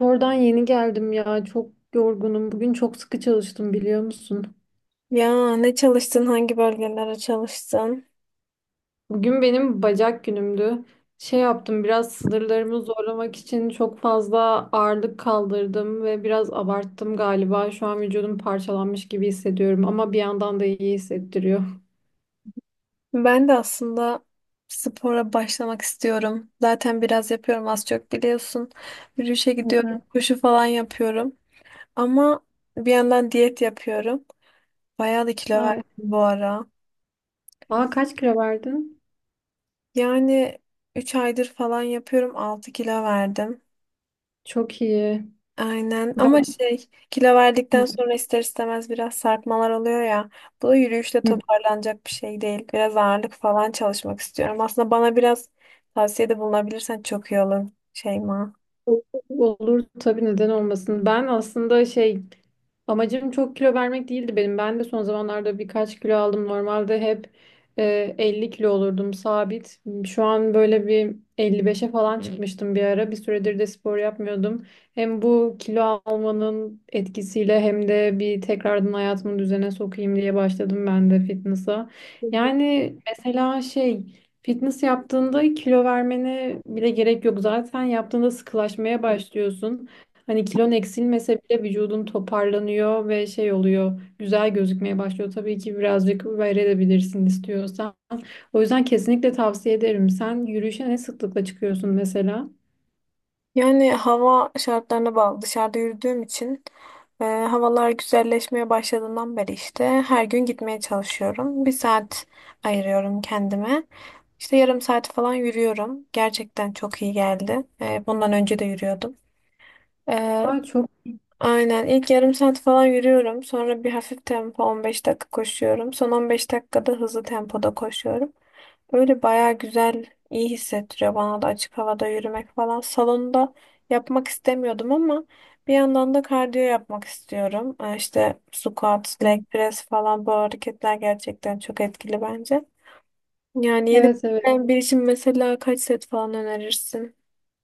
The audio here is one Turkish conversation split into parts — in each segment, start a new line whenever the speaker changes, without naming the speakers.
Oradan yeni geldim ya. Çok yorgunum. Bugün çok sıkı çalıştım biliyor musun?
Ya ne çalıştın, hangi bölgelere çalıştın?
Bugün benim bacak günümdü. Şey yaptım biraz sınırlarımı zorlamak için çok fazla ağırlık kaldırdım ve biraz abarttım galiba. Şu an vücudum parçalanmış gibi hissediyorum ama bir yandan da iyi hissettiriyor.
Ben de aslında spora başlamak istiyorum. Zaten biraz yapıyorum, az çok biliyorsun. Yürüyüşe
Hı hı.
gidiyorum, koşu falan yapıyorum. Ama bir yandan diyet yapıyorum. Bayağı da kilo verdim
Ay.
bu ara.
Aa kaç kilo verdin?
Yani 3 aydır falan yapıyorum, 6 kilo verdim.
Çok iyi.
Aynen, ama
Ben
şey, kilo verdikten sonra ister istemez biraz sarkmalar oluyor ya. Bu da yürüyüşle
hı.
toparlanacak bir şey değil. Biraz ağırlık falan çalışmak istiyorum. Aslında bana biraz tavsiyede bulunabilirsen çok iyi olur Şeyma.
Olur tabii, neden olmasın. Ben aslında şey Amacım çok kilo vermek değildi benim. Ben de son zamanlarda birkaç kilo aldım. Normalde hep 50 kilo olurdum sabit. Şu an böyle bir 55'e falan çıkmıştım bir ara. Bir süredir de spor yapmıyordum. Hem bu kilo almanın etkisiyle hem de bir tekrardan hayatımı düzene sokayım diye başladım ben de fitness'a. Yani mesela, fitness yaptığında kilo vermene bile gerek yok. Zaten yaptığında sıkılaşmaya başlıyorsun. Hani kilon eksilmese bile vücudun toparlanıyor ve şey oluyor, güzel gözükmeye başlıyor. Tabii ki birazcık verebilirsin istiyorsan. O yüzden kesinlikle tavsiye ederim. Sen yürüyüşe ne sıklıkla çıkıyorsun mesela?
Yani hava şartlarına bağlı. Dışarıda yürüdüğüm için, havalar güzelleşmeye başladığından beri işte her gün gitmeye çalışıyorum. Bir saat ayırıyorum kendime. İşte yarım saat falan yürüyorum. Gerçekten çok iyi geldi. Bundan önce de yürüyordum. E,
Aa, çok.
Aynen. ilk yarım saat falan yürüyorum. Sonra bir hafif tempo 15 dakika koşuyorum. Son 15 dakikada hızlı tempoda koşuyorum. Böyle bayağı güzel, iyi hissettiriyor bana da açık havada yürümek falan. Salonda yapmak istemiyordum ama bir yandan da kardiyo yapmak istiyorum. İşte squat, leg press falan, bu hareketler gerçekten çok etkili bence. Yani yeni
Evet, evet.
başlayan bir için mesela kaç set falan önerirsin?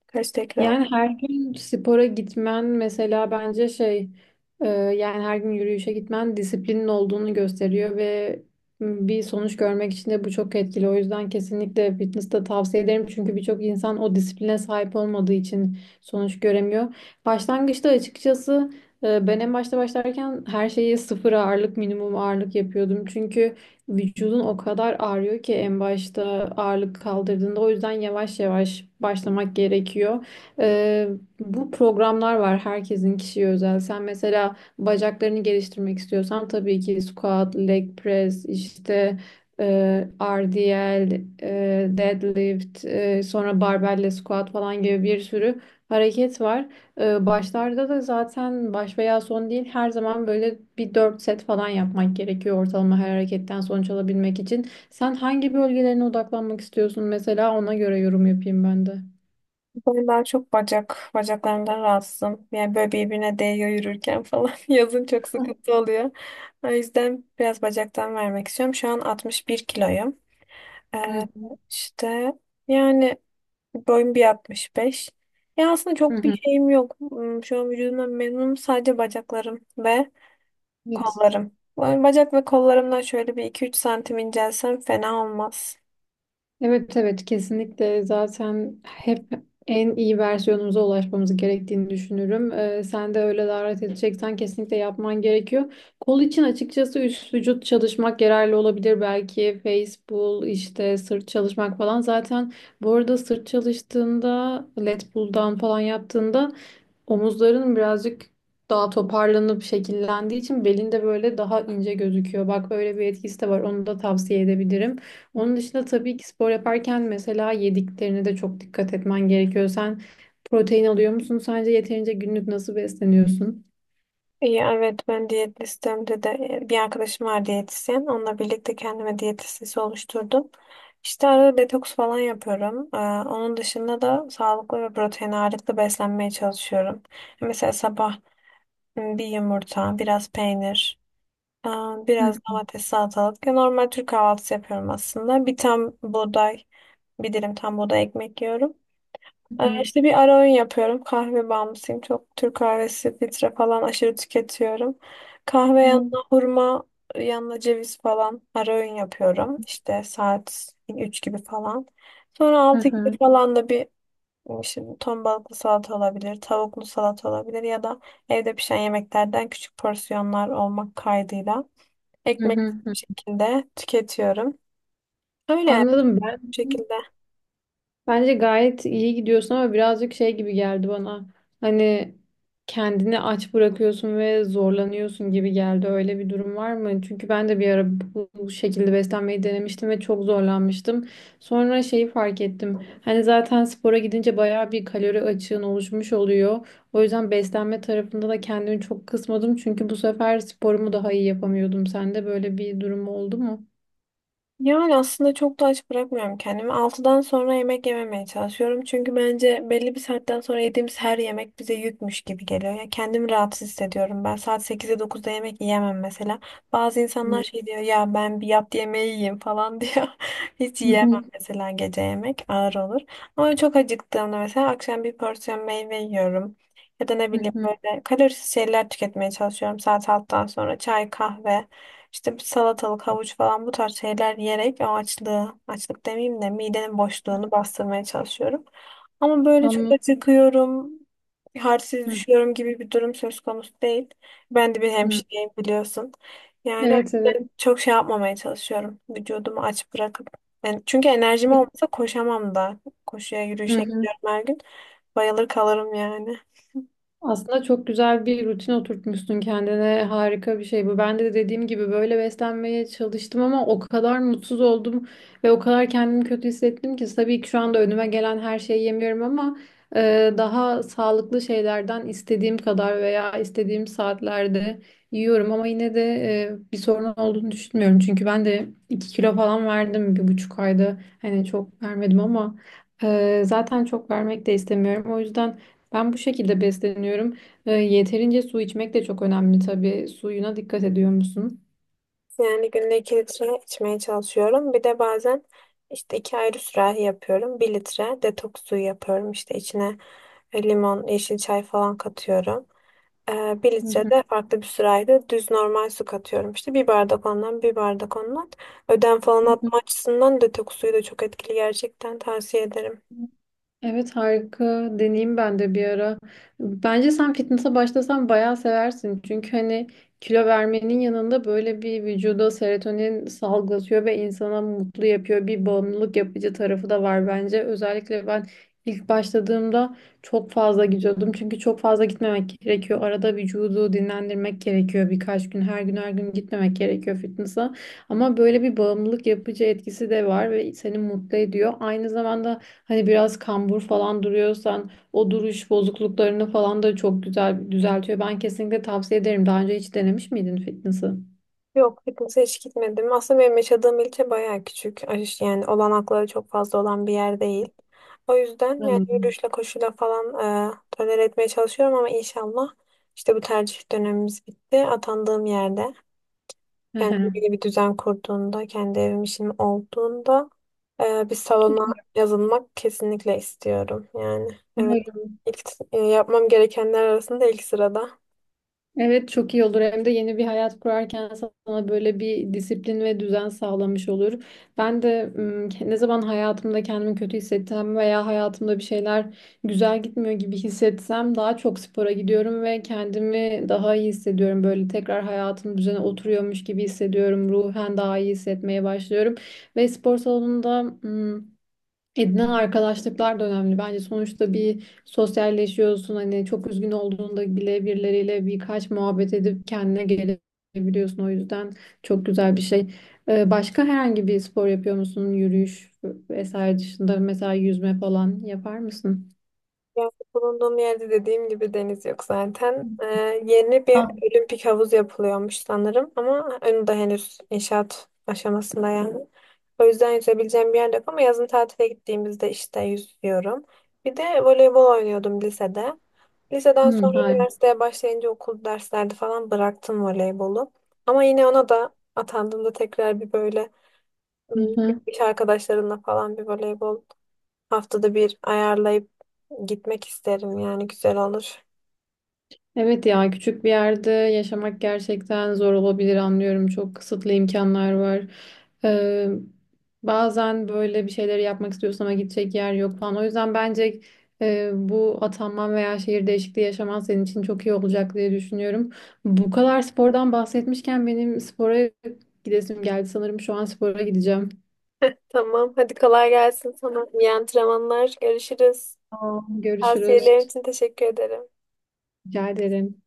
Kaç tekrar?
Yani her gün spora gitmen mesela bence şey yani her gün yürüyüşe gitmen disiplinin olduğunu gösteriyor ve bir sonuç görmek için de bu çok etkili. O yüzden kesinlikle fitness de tavsiye ederim. Çünkü birçok insan o disipline sahip olmadığı için sonuç göremiyor. Başlangıçta açıkçası, ben en başta başlarken her şeyi sıfır ağırlık, minimum ağırlık yapıyordum. Çünkü vücudun o kadar ağrıyor ki en başta ağırlık kaldırdığında, o yüzden yavaş yavaş başlamak gerekiyor. Ee, bu programlar var herkesin, kişiye özel. Sen mesela bacaklarını geliştirmek istiyorsan tabii ki squat, leg press, işte RDL, deadlift, sonra barbell squat falan gibi bir sürü hareket var. Başlarda da zaten baş veya son değil, her zaman böyle bir 4 set falan yapmak gerekiyor ortalama, her hareketten sonuç alabilmek için. Sen hangi bölgelerine odaklanmak istiyorsun mesela, ona göre yorum yapayım ben de.
Ben daha çok bacak, bacaklarımdan rahatsızım. Yani böyle birbirine değiyor yürürken falan. Yazın çok sıkıntı oluyor. O yüzden biraz bacaktan vermek istiyorum. Şu an 61 kiloyum.
Hı
Ee,
hı.
işte yani boyum bir 65. Ya aslında
Hı
çok bir
hı.
şeyim yok. Şu an vücudumdan memnunum. Sadece bacaklarım ve
Evet.
kollarım. Yani bacak ve kollarımdan şöyle bir iki üç santim incelsem fena olmaz.
Evet, evet kesinlikle, zaten hep en iyi versiyonumuza ulaşmamız gerektiğini düşünürüm. Sen de öyle davet edeceksen kesinlikle yapman gerekiyor. Kol için açıkçası üst vücut çalışmak yararlı olabilir belki. Face pull, işte sırt çalışmak falan. Zaten bu arada sırt çalıştığında, lat pull'dan falan yaptığında omuzların birazcık daha toparlanıp şekillendiği için belinde böyle daha ince gözüküyor. Bak böyle bir etkisi de var. Onu da tavsiye edebilirim. Onun dışında tabii ki spor yaparken mesela yediklerine de çok dikkat etmen gerekiyor. Sen protein alıyor musun? Sence yeterince, günlük nasıl besleniyorsun?
İyi, evet, ben diyet listemde de bir arkadaşım var, diyetisyen. Onunla birlikte kendime diyet listesi oluşturdum. İşte arada detoks falan yapıyorum. Onun dışında da sağlıklı ve protein ağırlıklı beslenmeye çalışıyorum. Mesela sabah bir yumurta, biraz peynir, e, biraz domates, salatalık. Ya normal Türk kahvaltısı yapıyorum aslında. Bir tam buğday, bir dilim tam buğday ekmek yiyorum. İşte bir ara öğün yapıyorum. Kahve bağımlısıyım. Çok Türk kahvesi, filtre falan aşırı tüketiyorum. Kahve
Hı hı.
yanına hurma, yanına ceviz falan ara öğün yapıyorum. İşte saat 3 gibi falan. Sonra
Hı
6 gibi
hı.
falan da bir şimdi ton balıklı salata olabilir, tavuklu salata olabilir ya da evde pişen yemeklerden küçük porsiyonlar olmak kaydıyla
Hı
ekmek
hı.
şeklinde tüketiyorum. Öyle yani bu
Anladım ben.
şekilde.
Bence gayet iyi gidiyorsun ama birazcık gibi geldi bana. Hani kendini aç bırakıyorsun ve zorlanıyorsun gibi geldi. Öyle bir durum var mı? Çünkü ben de bir ara bu şekilde beslenmeyi denemiştim ve çok zorlanmıştım. Sonra şeyi fark ettim. Hani zaten spora gidince bayağı bir kalori açığın oluşmuş oluyor. O yüzden beslenme tarafında da kendimi çok kısmadım. Çünkü bu sefer sporumu daha iyi yapamıyordum. Sende böyle bir durum oldu mu?
Yani aslında çok da aç bırakmıyorum kendimi. 6'dan sonra yemek yememeye çalışıyorum. Çünkü bence belli bir saatten sonra yediğimiz her yemek bize yükmüş gibi geliyor. Ya kendimi rahatsız hissediyorum. Ben saat 8'e 9'da yemek yiyemem mesela. Bazı insanlar
Hı
şey diyor ya, ben bir yat yemeği yiyeyim falan diyor. Hiç
hı hı.
yiyemem
Hı.
mesela, gece yemek ağır olur. Ama çok acıktığımda mesela akşam bir porsiyon meyve yiyorum. Ya da ne bileyim, böyle kalorisiz şeyler tüketmeye çalışıyorum saat 6'dan sonra, çay kahve. İşte bir salatalık, havuç falan, bu tarz şeyler yiyerek o açlığı, açlık demeyeyim de midenin boşluğunu bastırmaya çalışıyorum. Ama böyle çok
Anladım.
acıkıyorum, halsiz
Hı
düşüyorum gibi bir durum söz konusu değil. Ben de bir
hı.
hemşireyim biliyorsun. Yani
Evet, evet.
ben çok şey yapmamaya çalışıyorum, vücudumu aç bırakıp. Yani çünkü enerjim olmasa koşamam da. Koşuya,
Hı
yürüyüşe
hı.
gidiyorum her gün. Bayılır kalırım yani.
Aslında çok güzel bir rutin oturtmuşsun kendine. Harika bir şey bu. Ben de dediğim gibi böyle beslenmeye çalıştım ama o kadar mutsuz oldum ve o kadar kendimi kötü hissettim ki, tabii ki şu anda önüme gelen her şeyi yemiyorum ama daha sağlıklı şeylerden istediğim kadar veya istediğim saatlerde yiyorum ama yine de bir sorun olduğunu düşünmüyorum. Çünkü ben de 2 kilo falan verdim bir buçuk ayda. Hani çok vermedim ama zaten çok vermek de istemiyorum. O yüzden ben bu şekilde besleniyorum. Yeterince su içmek de çok önemli tabii. Suyuna dikkat ediyor musun?
Yani günde 2 litre içmeye çalışıyorum. Bir de bazen işte iki ayrı sürahi yapıyorum. Bir litre detoks suyu yapıyorum. İşte içine limon, yeşil çay falan katıyorum. Bir
Hı hı.
litre farklı bir sırayla düz normal su katıyorum. İşte bir bardak ondan, bir bardak ondan. Ödem falan
Hı hı.
atma açısından detoks suyu da çok etkili, gerçekten tavsiye ederim.
Evet, harika, deneyeyim ben de bir ara. Bence sen fitness'a başlasan bayağı seversin. Çünkü hani kilo vermenin yanında böyle bir vücuda serotonin salgılatıyor ve insana mutlu yapıyor. Bir bağımlılık yapıcı tarafı da var bence. Özellikle ben ilk başladığımda çok fazla gidiyordum. Çünkü çok fazla gitmemek gerekiyor. Arada vücudu dinlendirmek gerekiyor birkaç gün. Her gün her gün gitmemek gerekiyor fitness'a. Ama böyle bir bağımlılık yapıcı etkisi de var ve seni mutlu ediyor. Aynı zamanda hani biraz kambur falan duruyorsan o duruş bozukluklarını falan da çok güzel düzeltiyor. Ben kesinlikle tavsiye ederim. Daha önce hiç denemiş miydin fitness'ı?
Yok, fitness'e hiç gitmedim. Aslında benim yaşadığım ilçe bayağı küçük. Yani olanakları çok fazla olan bir yer değil. O yüzden yani
Anladım.
yürüyüşle koşuyla falan tolere etmeye çalışıyorum ama inşallah işte bu tercih dönemimiz bitti. Atandığım yerde,
Hı hı.
kendine bir düzen kurduğunda, kendi evim işim olduğunda bir salona yazılmak kesinlikle istiyorum. Yani evet,
Umarım.
ilk yapmam gerekenler arasında ilk sırada.
Evet, çok iyi olur. Hem de yeni bir hayat kurarken sana böyle bir disiplin ve düzen sağlamış olur. Ben de ım, ke- ne zaman hayatımda kendimi kötü hissettim veya hayatımda bir şeyler güzel gitmiyor gibi hissetsem, daha çok spora gidiyorum ve kendimi daha iyi hissediyorum. Böyle tekrar hayatım düzene oturuyormuş gibi hissediyorum. Ruhen daha iyi hissetmeye başlıyorum. Ve spor salonunda edinen arkadaşlıklar da önemli. Bence sonuçta bir sosyalleşiyorsun. Hani çok üzgün olduğunda bile birileriyle birkaç muhabbet edip kendine gelebiliyorsun. O yüzden çok güzel bir şey. Başka herhangi bir spor yapıyor musun? Yürüyüş vesaire dışında mesela yüzme falan yapar mısın?
Yani bulunduğum yerde dediğim gibi deniz yok zaten. Yeni bir
Ha.
olimpik havuz yapılıyormuş sanırım ama onu da henüz inşaat aşamasında yani. O yüzden yüzebileceğim bir yer yok ama yazın tatile gittiğimizde işte yüzüyorum. Bir de voleybol oynuyordum lisede. Liseden
Hı,
sonra
hayır.
üniversiteye başlayınca okul derslerde falan bıraktım voleybolu. Ama yine ona da atandığımda tekrar bir böyle ım, iş arkadaşlarımla falan bir voleybol haftada bir ayarlayıp gitmek isterim, yani güzel olur.
Evet ya, küçük bir yerde yaşamak gerçekten zor olabilir, anlıyorum. Çok kısıtlı imkanlar var. Ee, bazen böyle bir şeyleri yapmak istiyorsun ama gidecek yer yok falan. O yüzden bence bu atanman veya şehir değişikliği yaşaman senin için çok iyi olacak diye düşünüyorum. Bu kadar spordan bahsetmişken benim spora gidesim geldi. Sanırım şu an spora gideceğim.
Tamam. Hadi kolay gelsin sana. İyi antrenmanlar. Görüşürüz.
Tamam. Görüşürüz.
Tavsiyelerin için teşekkür ederim.
Rica ederim.